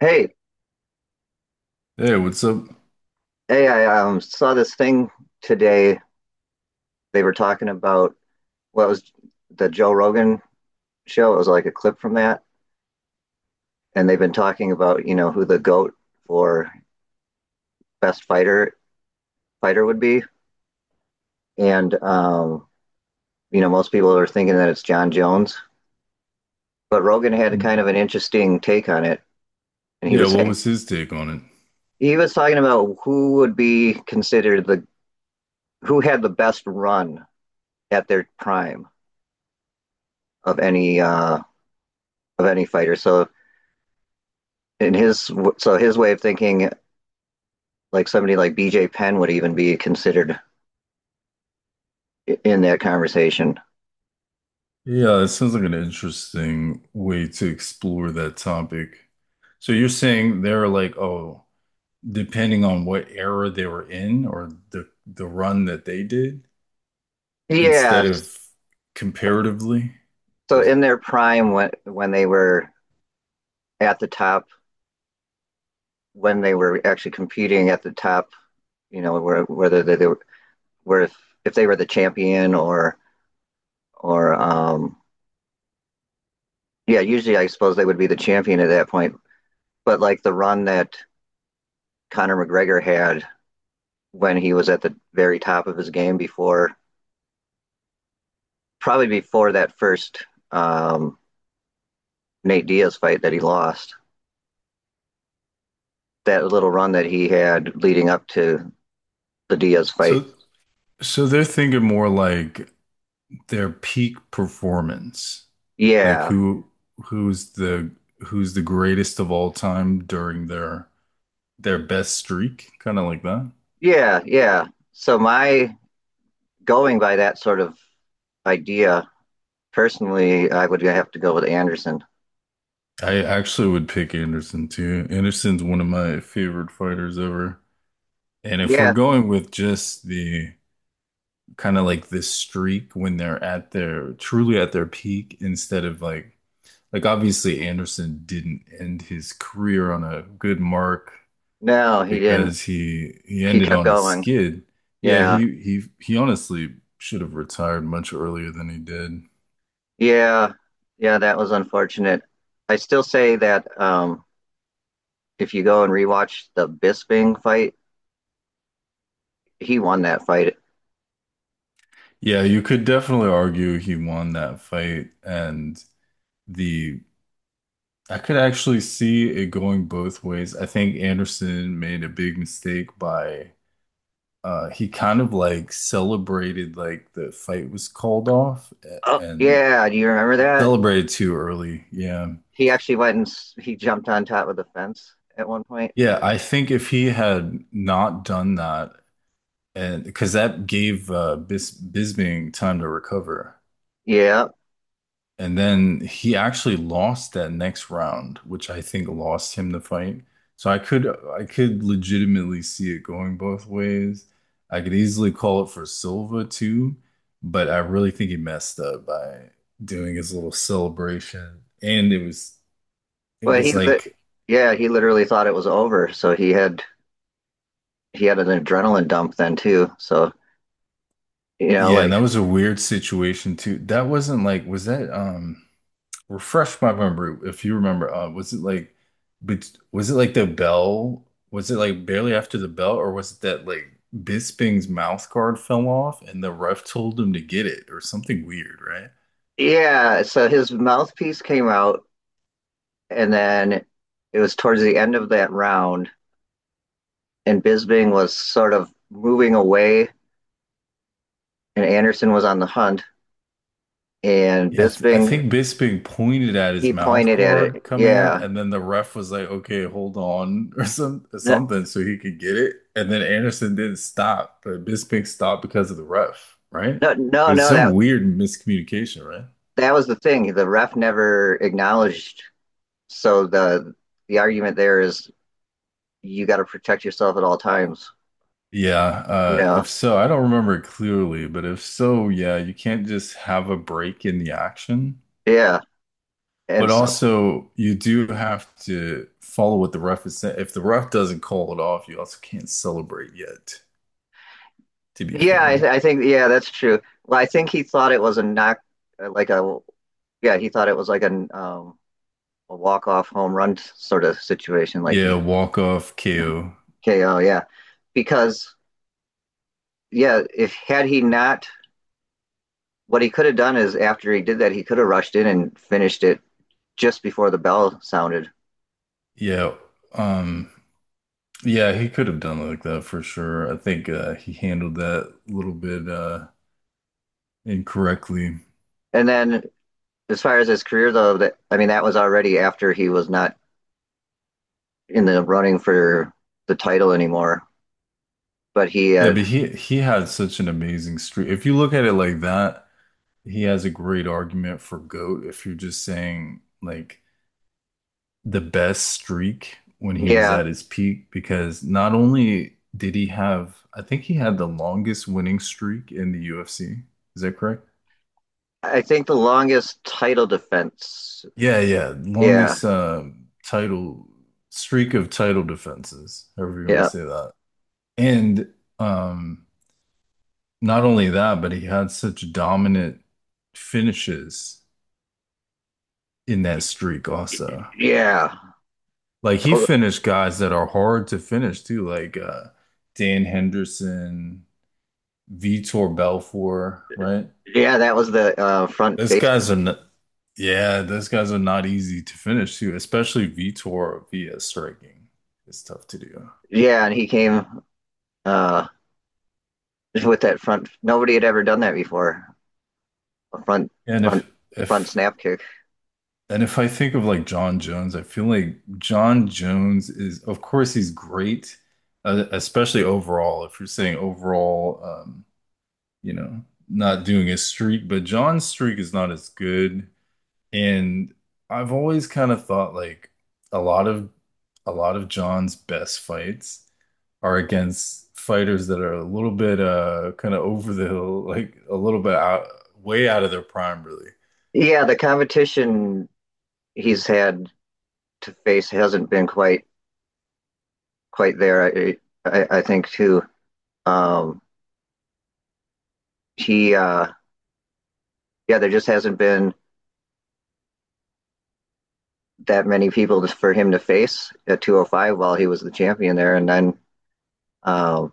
Hey, Hey, what's up? hey, I saw this thing today. They were talking about what was the Joe Rogan show. It was like a clip from that, and they've been talking about, you know, who the GOAT for best fighter would be. And um, most people are thinking that it's John Jones, but Rogan had a kind of an interesting take on it, and Yeah, what was his take on it? he was talking about who would be considered the who had the best run at their prime of any uh, of any fighter. In his so his way of thinking, like somebody like BJ Penn would even be considered in that conversation. Yeah, it sounds like an interesting way to explore that topic. So you're saying they're like, oh, depending on what era they were in or the run that they did, instead Yes. of comparatively. So Is- in their prime, when they were at the top, when they were actually competing at the top, you know, where, whether they were, where if they were the champion or, yeah, usually I suppose they would be the champion at that point. But like the run that Conor McGregor had when he was at the very top of his game before, probably before that first um, Nate Diaz fight that he lost. That little run that he had leading up to the Diaz fight. So so they're thinking more like their peak performance. Like Yeah, who's the who's the greatest of all time during their best streak, kind of like that. yeah, yeah. So my going by that sort of idea, personally, I would have to go with Anderson. I actually would pick Anderson too. Anderson's one of my favorite fighters ever. And if we're Yeah, going with just the kind of like this streak when they're at their truly at their peak instead of like obviously Anderson didn't end his career on a good mark no, he didn't. because he He ended kept on a going. skid. Yeah, Yeah, he honestly should have retired much earlier than he did. yeah, yeah. That was unfortunate. I still say that if you go and rewatch the Bisping fight, he won that fight. Yeah, you could definitely argue he won that fight, and the I could actually see it going both ways. I think Anderson made a big mistake by he kind of like celebrated like the fight was called off Oh, and yeah. Do you remember that? celebrated too early. Yeah. He actually went and he jumped on top of the fence at one point. Yeah, I think if he had not done that and because that gave Bisbing time to recover. Yeah, And then he actually lost that next round, which I think lost him the fight. So I could legitimately see it going both ways. I could easily call it for Silva too, but I really think he messed up by doing his little celebration. And it but was he, li- like yeah, he literally thought it was over. So he had an adrenaline dump then too. So you know, yeah, and like that was a weird situation too. That wasn't like was that, refresh my memory if you remember was it like but was it like the bell was it like barely after the bell or was it that like Bisping's mouth guard fell off and the ref told him to get it or something weird, right? yeah. So his mouthpiece came out, and then it was towards the end of that round, and Bisbing was sort of moving away, and Anderson was on the hunt, and Yeah, I Bisbing think Bisping pointed at his he mouth pointed at guard it. coming out Yeah. and then the ref was like, okay, hold on or No, something so he could get it and then Anderson didn't stop but Bisping stopped because of the ref, right? no, It no, was no. some weird miscommunication, right? That was the thing. The ref never acknowledged. So the argument there is you got to protect yourself at all times, Yeah, you if know? so, I don't remember it clearly, but if so, yeah, you can't just have a break in the action. Yeah. But And so, also, you do have to follow what the ref is saying. If the ref doesn't call it off, you also can't celebrate yet, to be fair. Yeah, that's true. Well, I think he thought it was a knock, uh, like a, yeah, he thought it was like a walk off home run sort of situation, like Yeah, he walk off KO. KO, yeah. Because, yeah, if had he not, what he could have done is after he did that, he could have rushed in and finished it just before the bell sounded. Yeah, um, yeah, he could have done it like that for sure. I think he handled that a little bit incorrectly. And then, as far as his career, though, that I mean, that was already after he was not in the running for the title anymore. But he Yeah, but had, he had such an amazing streak. If you look at it like that, he has a great argument for GOAT if you're just saying like the best streak when he was yeah, at his peak, because not only did he have, I think he had the longest winning streak in the UFC. Is that correct? I think the longest title defense. Yeah, yeah, Yeah, longest title streak of title defenses, however you want to yeah, say that. And um, not only that, but he had such dominant finishes in that streak also. yeah, Like he finished guys that are hard to finish too, like Dan Henderson, Vitor Belfort, right? yeah. That was the front Those face. guys are not, yeah, those guys are not easy to finish too, especially Vitor via striking. It's tough to do. Yeah, and he came uh, with that front. Nobody had ever done that before. A And front, if front if snap kick. and if I think of like John Jones, I feel like John Jones is, of course, he's great, especially overall. If you're saying overall, you know, not doing his streak, but John's streak is not as good. And I've always kind of thought like a lot of a lot of John's best fights are against fighters that are a little bit kind of over the hill, like a little bit out way out of their prime, really. Yeah, the competition he's had to face hasn't been quite there. I think too. Um, he yeah, there just hasn't been that many people for him to face at 205 while he was the champion there, and then uh,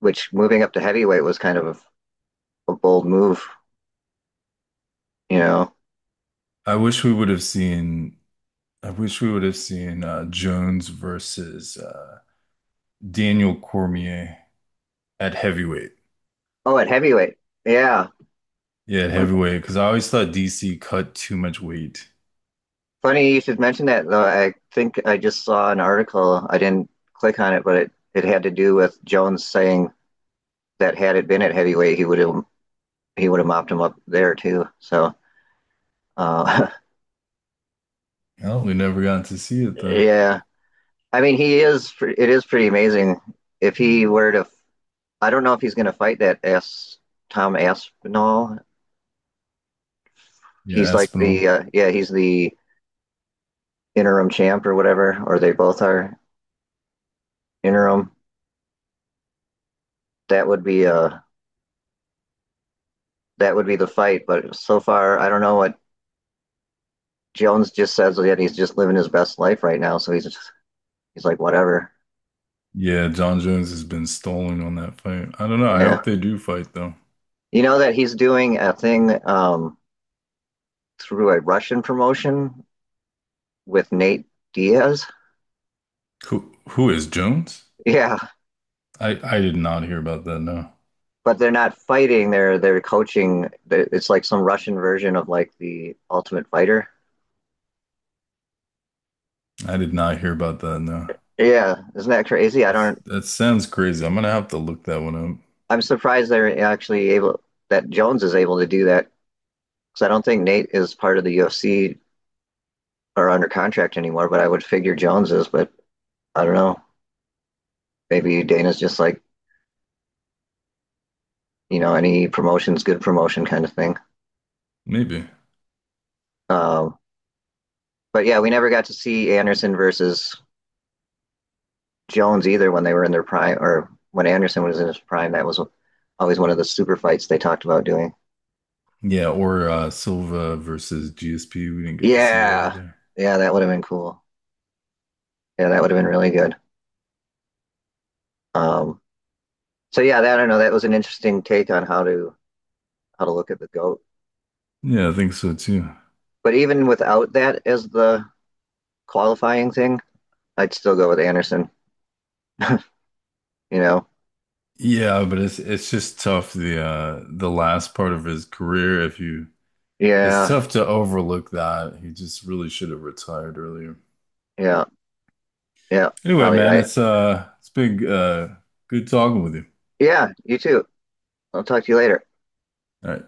which moving up to heavyweight was kind of a bold move, you know. I wish we would have seen I wish we would have seen Jones versus Daniel Cormier at heavyweight. Oh, at heavyweight, yeah. Yeah, at heavyweight, because I always thought DC cut too much weight. Funny you should mention that though. I think I just saw an article. I didn't click on it, but it had to do with Jones saying that had it been at heavyweight, he would have mopped him up there too. So uh, Oh, we never got to see it then. yeah, I mean he is it is pretty amazing if he were to I don't know if he's going to fight that S Tom Aspinall. Yeah, He's like Espinal. the yeah, he's the interim champ or whatever, or they both are interim. That would be uh that would be the fight. But so far, I don't know what. Jones just says that he's just living his best life right now. So he's just, he's like whatever. Yeah, John Jones has been stalling on that fight. I don't know. I Yeah, hope they do fight though. you know that he's doing a thing through a Russian promotion with Nate Diaz. Who is Jones? Yeah, I did not hear about that. No, but they're not fighting. They're coaching. It's like some Russian version of like the Ultimate Fighter. I did not hear about that. No, Yeah, isn't that crazy? I that's, don't. that sounds crazy. I'm gonna have to look that one up. I'm surprised they're actually able that Jones is able to do that because I don't think Nate is part of the UFC or under contract anymore. But I would figure Jones is. But I don't know. Maybe Dana's just like you know any promotion's good promotion kind of thing. Maybe. Um, but yeah, we never got to see Anderson versus Jones either when they were in their prime or when Anderson was in his prime. That was always one of the super fights they talked about doing. Yeah, or Silva versus GSP. We didn't get to see that Yeah, either. yeah, that would have been cool. Yeah, that would have been really good. Um, so yeah, I don't know. That was an interesting take on how to look at the goat. Yeah, I think so too. But even without that as the qualifying thing, I'd still go with Anderson. you know? Yeah, but it's just tough the last part of his career if you it's Yeah, tough to overlook that. He just really should have retired earlier. yeah, yeah. Anyway, Probably man, right. It's been good talking with you. Yeah, you too. I'll talk to you later. All right.